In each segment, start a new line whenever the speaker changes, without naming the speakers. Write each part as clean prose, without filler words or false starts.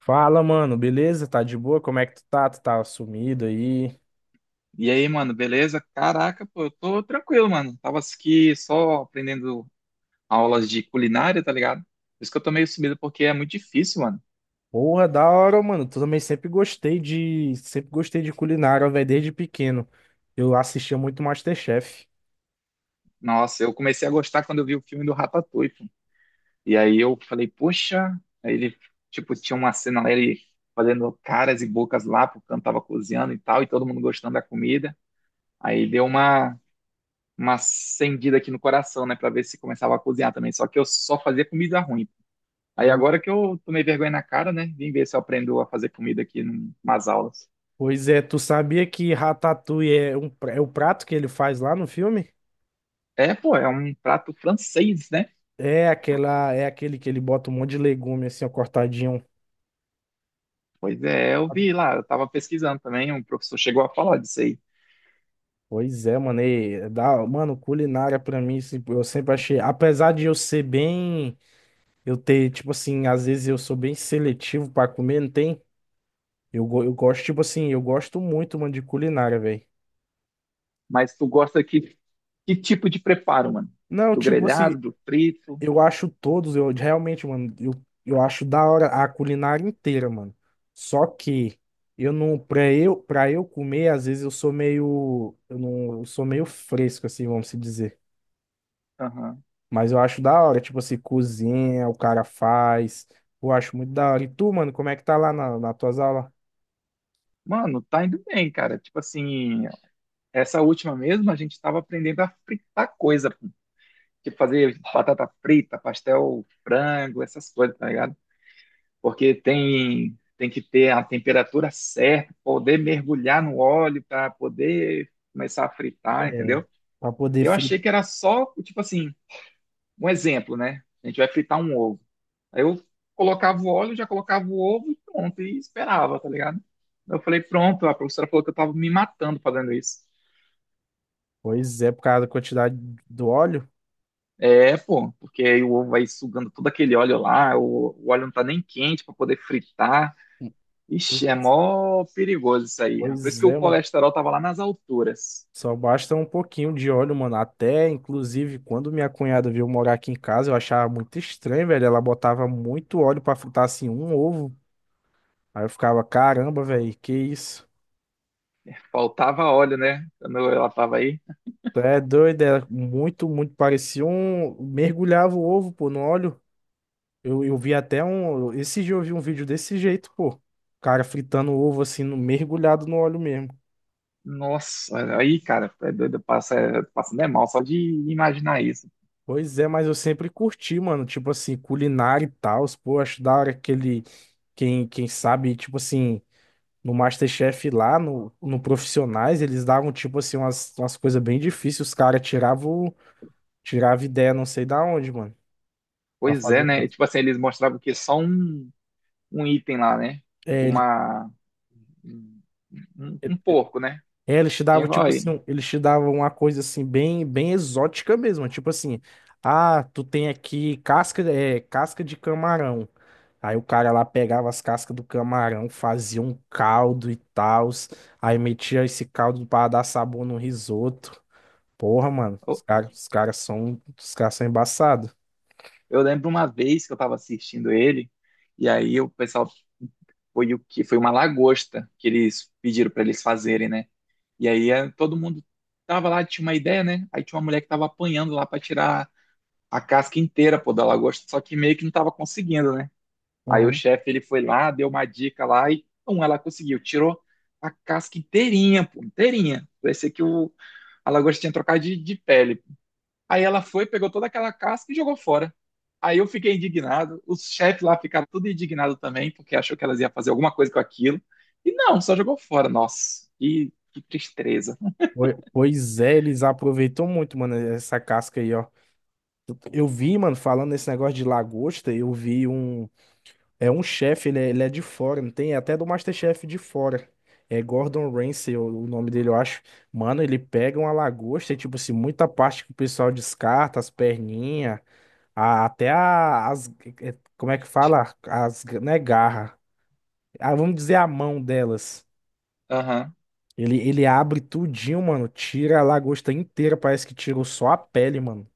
Fala, mano, beleza? Tá de boa? Como é que tu tá? Tu tá sumido aí?
E aí, mano, beleza? Caraca, pô, eu tô tranquilo, mano. Tava aqui só aprendendo aulas de culinária, tá ligado? Por isso que eu tô meio sumido, porque é muito difícil, mano.
Porra, da hora, mano. Tu também sempre gostei de culinária, velho, desde pequeno. Eu assistia muito MasterChef.
Nossa, eu comecei a gostar quando eu vi o filme do Ratatouille, pô. E aí eu falei, poxa, aí ele, tipo, tinha uma cena lá, ele fazendo caras e bocas lá, porque eu tava cozinhando e tal, e todo mundo gostando da comida. Aí deu uma acendida aqui no coração, né, pra ver se começava a cozinhar também. Só que eu só fazia comida ruim. Aí
Pois
agora que eu tomei vergonha na cara, né? Vim ver se eu aprendo a fazer comida aqui nas aulas.
Pois é, tu sabia que Ratatouille é o prato que ele faz lá no filme?
É, pô, é um prato francês, né?
É aquele que ele bota um monte de legume assim, ó, cortadinho.
Pois é, eu vi lá, eu tava pesquisando também, um professor chegou a falar disso aí.
Pois é, mano, e, é da, mano, culinária pra mim, assim, eu sempre achei, apesar de eu ser bem. Eu tenho, tipo assim, às vezes eu sou bem seletivo pra comer, não tem? Eu gosto, tipo assim, eu gosto muito, mano, de culinária, velho.
Mas tu gosta que tipo de preparo, mano?
Não,
Do
tipo
grelhado,
assim,
do frito?
eu acho todos, eu realmente, mano, eu acho da hora a culinária inteira, mano. Só que eu não, pra eu comer, às vezes eu sou meio, eu não, eu sou meio fresco, assim, vamos se dizer.
Aham.
Mas eu acho da hora, tipo assim, cozinha, o cara faz. Eu acho muito da hora. E tu, mano, como é que tá lá nas tuas aulas?
Mano, tá indo bem, cara. Tipo assim, essa última mesmo, a gente estava aprendendo a fritar coisa, tipo fazer batata frita, pastel, frango, essas coisas, tá ligado? Porque tem que ter a temperatura certa, poder mergulhar no óleo para poder começar a fritar,
É,
entendeu?
pra poder.
Eu achei que era só, tipo assim, um exemplo, né? A gente vai fritar um ovo. Aí eu colocava o óleo, já colocava o ovo e pronto, e esperava, tá ligado? Eu falei, pronto, a professora falou que eu tava me matando fazendo isso.
Pois é, por causa da quantidade do óleo.
É, pô, porque aí o ovo vai sugando todo aquele óleo lá, o óleo não tá nem quente pra poder fritar. Ixi, é mó perigoso isso aí. Por isso
Pois
que o
é, mano.
colesterol tava lá nas alturas.
Só basta um pouquinho de óleo, mano. Até, inclusive, quando minha cunhada veio morar aqui em casa, eu achava muito estranho, velho. Ela botava muito óleo pra fritar assim um ovo. Aí eu ficava, caramba, velho, que isso?
Faltava óleo, né? Quando ela tava aí.
Tu é doido, era muito, muito parecia um. Mergulhava o ovo, pô, no óleo. Eu vi até um. Esse dia eu vi um vídeo desse jeito, pô. O cara fritando o ovo assim, mergulhado no óleo mesmo.
Nossa, aí, cara, é doido, passa né, mal só de imaginar isso.
Pois é, mas eu sempre curti, mano, tipo assim, culinária e tal, pô, acho da hora aquele, quem sabe, tipo assim, no MasterChef lá, no Profissionais, eles davam, tipo assim, umas coisas bem difíceis, tiravam ideia não sei da onde, mano, pra
Pois é,
fazer.
né? Tipo assim, eles mostravam que só um item lá, né? Tipo
É, ele.
uma um, um um porco, né?
É, eles te davam,
Tinha,
tipo
olha
assim,
aí.
um, eles te davam uma coisa assim, bem exótica mesmo. Tipo assim, ah, tu tem aqui casca, é, casca de camarão. Aí o cara lá pegava as cascas do camarão, fazia um caldo e tal. Aí metia esse caldo pra dar sabor no risoto. Porra, mano, os caras são embaçados.
Eu lembro uma vez que eu estava assistindo ele, e aí o pessoal foi o que foi uma lagosta que eles pediram para eles fazerem, né? E aí todo mundo tava lá, tinha uma ideia, né? Aí tinha uma mulher que tava apanhando lá para tirar a casca inteira, pô, da lagosta, só que meio que não tava conseguindo, né? Aí o
Aham.
chefe ele foi lá, deu uma dica lá e pum, ela conseguiu, tirou a casca inteirinha, pô, inteirinha. Parecia que o a lagosta tinha trocado de pele. Aí ela foi, pegou toda aquela casca e jogou fora. Aí eu fiquei indignado, os chefes lá ficaram tudo indignado também, porque achou que elas iam fazer alguma coisa com aquilo. E não, só jogou fora. Nossa, que tristeza.
Pois é, eles aproveitam muito, mano, essa casca aí, ó. Eu vi, mano, falando nesse negócio de lagosta, eu vi um. É um chefe, ele é de fora, não tem? É até do MasterChef de fora. É Gordon Ramsay, o nome dele, eu acho. Mano, ele pega uma lagosta e, tipo assim, muita parte que o pessoal descarta, as perninhas, as. É, Como é que fala? As, né, garra. Ah, vamos dizer a mão delas.
Aham.
Ele abre tudinho, mano. Tira a lagosta inteira, parece que tirou só a pele, mano.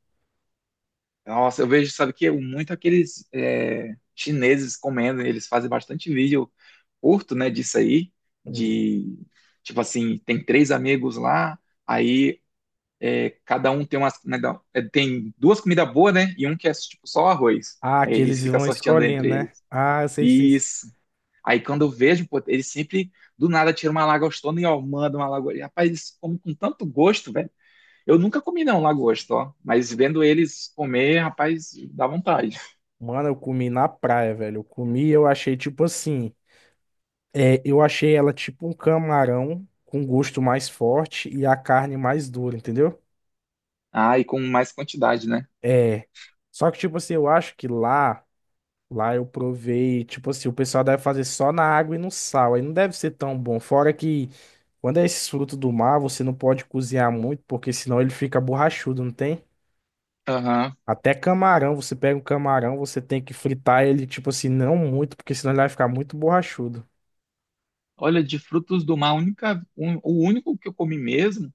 Nossa, eu vejo, sabe que muito aqueles é, chineses comendo, eles fazem bastante vídeo curto, né, disso aí,
Uhum.
de tipo assim, tem três amigos lá, aí é, cada um tem umas, né, tem duas comidas boas, né? E um que é tipo só arroz.
Ah,
Aí
que
eles
eles
ficam
vão
sorteando
escolhendo,
entre
né?
eles.
Ah, eu sei, sei, sei.
Isso. Aí quando eu vejo, pô, eles sempre do nada tiram uma lagostona e ó, manda uma lagosta. E, rapaz, eles comem com tanto gosto, velho. Eu nunca comi não lagosta, ó, mas vendo eles comer, rapaz, dá vontade.
Mano, eu comi na praia, velho. Eu comi e eu achei tipo assim. É, eu achei ela tipo um camarão com gosto mais forte e a carne mais dura, entendeu?
Ah, e com mais quantidade, né?
É. Só que, tipo assim, eu acho que lá, lá eu provei, tipo assim, o pessoal deve fazer só na água e no sal. Aí não deve ser tão bom. Fora que quando é esses frutos do mar, você não pode cozinhar muito, porque senão ele fica borrachudo, não tem?
Aham.
Até camarão, você pega um camarão, você tem que fritar ele, tipo assim, não muito, porque senão ele vai ficar muito borrachudo.
Olha, de frutos do mar, a única, o único que eu comi mesmo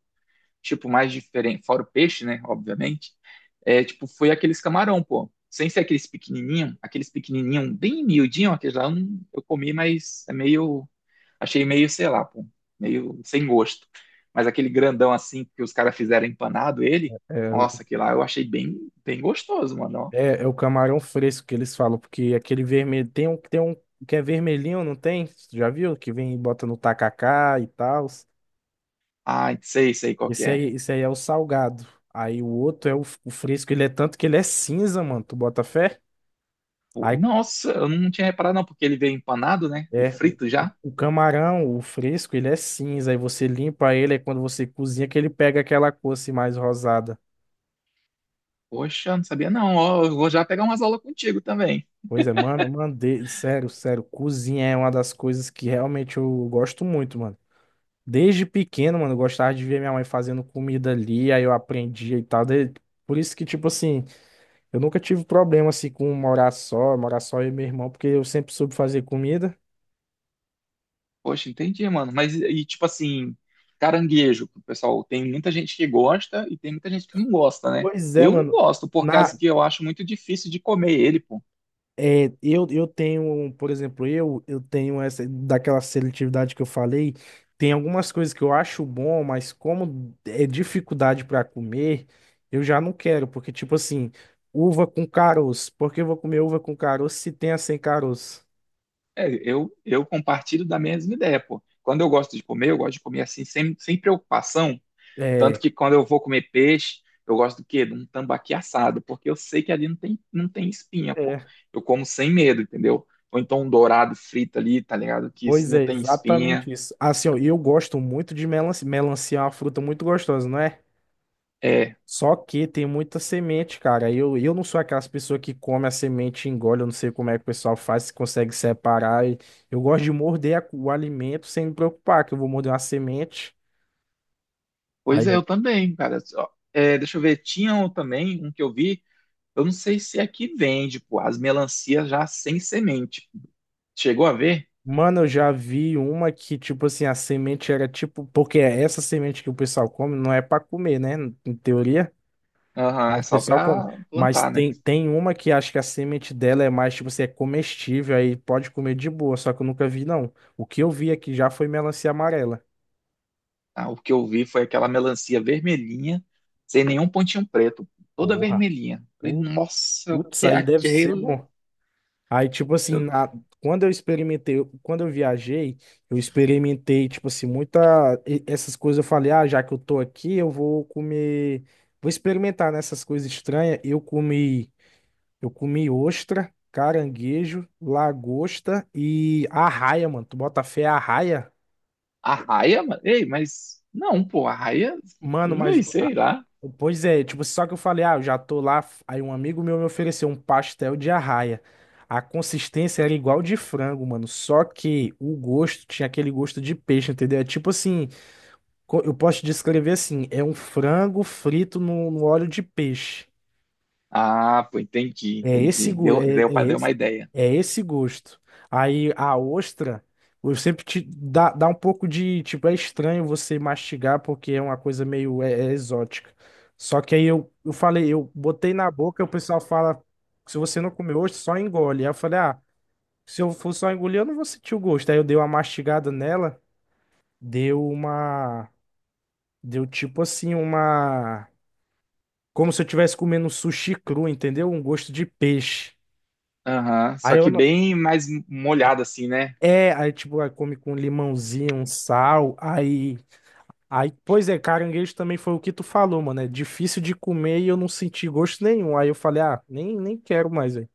tipo, mais diferente, fora o peixe, né, obviamente, é, tipo, foi aqueles camarão, pô. Sem ser aqueles pequenininho bem miudinho, aqueles lá eu eu comi, mas é meio, achei meio, sei lá, pô, meio sem gosto. Mas aquele grandão assim que os caras fizeram empanado ele,
É.
nossa, aquele lá eu achei bem, bem gostoso, mano. Ó.
É, é o camarão fresco que eles falam, porque aquele vermelho tem um que é vermelhinho, não tem? Tu já viu? Que vem e bota no tacacá e tal.
Ah, sei, sei qual que é.
Esse aí é o salgado. Aí o outro é o fresco, ele é tanto que ele é cinza, mano. Tu bota fé?
Pô,
Aí
nossa, eu não tinha reparado não, porque ele veio empanado, né, e
é
frito já.
o camarão, o fresco, ele é cinza. Aí você limpa ele, aí quando você cozinha que ele pega aquela cor assim mais rosada.
Poxa, não sabia não, ó, eu vou já pegar umas aulas contigo também.
Pois é, mano, mandei, sério, cozinha é uma das coisas que realmente eu gosto muito, mano. Desde pequeno, mano, eu gostava de ver minha mãe fazendo comida ali, aí eu aprendia e tal. Por isso que, tipo assim, eu nunca tive problema, assim, com morar só eu e meu irmão, porque eu sempre soube fazer comida.
Poxa, entendi, mano. Mas e tipo assim, caranguejo, pessoal, tem muita gente que gosta e tem muita gente que não gosta, né?
Pois é,
Eu não
mano.
gosto, por
Na,
causa que eu acho muito difícil de comer ele, pô.
é, eu tenho, por exemplo, eu tenho essa, daquela seletividade que eu falei, tem algumas coisas que eu acho bom, mas como é dificuldade para comer, eu já não quero, porque, tipo assim, uva com caroço, por que eu vou comer uva com caroço se tem a sem caroço?
É, eu compartilho da mesma ideia, pô. Quando eu gosto de comer, eu gosto de comer assim, sem preocupação. Tanto
É,
que quando eu vou comer peixe, eu gosto do quê? De um tambaqui assado, porque eu sei que ali não tem espinha, pô.
é.
Eu como sem medo, entendeu? Ou então um dourado frito ali, tá ligado? Que isso
Pois
não
é,
tem
exatamente
espinha.
isso. Assim, ó, eu gosto muito de melancia. Melancia é uma fruta muito gostosa, não é?
É,
Só que tem muita semente, cara. Eu não sou aquelas pessoas que come a semente e engole. Eu não sei como é que o pessoal faz, se consegue separar. E eu gosto de morder o alimento sem me preocupar, que eu vou morder uma semente. Aí
pois é, eu
eu...
também, cara. Ó, é, deixa eu ver, tinha um também, um que eu vi, eu não sei se aqui vende, pô, as melancias já sem semente. Chegou a ver?
Mano, eu já vi uma que, tipo assim, a semente era tipo. Porque é essa semente que o pessoal come não é pra comer, né? Em teoria.
Aham,
Mas
é
o
só
pessoal come.
pra
Mas
plantar, né?
tem, tem uma que acho que a semente dela é mais, tipo assim, é comestível, aí pode comer de boa, só que eu nunca vi, não. O que eu vi aqui já foi melancia amarela.
Ah, o que eu vi foi aquela melancia vermelhinha, sem nenhum pontinho preto, toda
Porra,
vermelhinha. Falei,
pu-
nossa, o
putz,
que é
aí deve ser
aquela?
bom. Aí, tipo assim,
Eu,
quando eu experimentei, quando eu viajei, eu experimentei, tipo assim, muita, essas coisas, eu falei, ah, já que eu tô aqui, eu vou comer, vou experimentar nessas coisas estranhas. Eu comi ostra, caranguejo, lagosta e arraia, mano. Tu bota fé arraia?
arraia? Ei, mas não, pô, arraia?
Mano, mas.
Ei, sei lá.
Pois é, tipo, só que eu falei, ah, eu já tô lá. Aí um amigo meu me ofereceu um pastel de arraia. A consistência era igual de frango, mano. Só que o gosto tinha aquele gosto de peixe, entendeu? É tipo assim, eu posso te descrever assim: é um frango frito no óleo de peixe.
Ah, pô, entendi,
É esse,
entendi.
gu- é,
Deu para
é
dar uma
esse,
ideia.
é esse gosto. Aí a ostra, eu sempre dá um pouco de, tipo, é estranho você mastigar porque é uma coisa meio é exótica. Só que aí eu falei, eu botei na boca, o pessoal fala, se você não comer ostra, só engole. Aí eu falei, ah, se eu for só engolir, eu não vou sentir o gosto. Aí eu dei uma mastigada nela, deu uma, deu tipo assim uma, como se eu estivesse comendo um sushi cru, entendeu? Um gosto de peixe.
Aham, só
Aí eu,
que bem mais molhado assim, né?
É, aí tipo, aí come com limãozinho, um sal, aí, pois é, caranguejo também foi o que tu falou, mano, é difícil de comer e eu não senti gosto nenhum, aí eu falei, ah, nem quero mais, velho.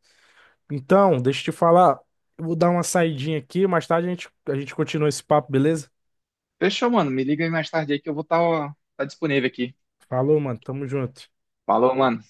Então, deixa eu te falar, eu vou dar uma saidinha aqui, mais tarde a gente continua esse papo, beleza?
Fechou, mano. Me liga aí mais tarde aí que eu vou estar tá disponível aqui.
Falou, mano, tamo junto.
Falou, mano.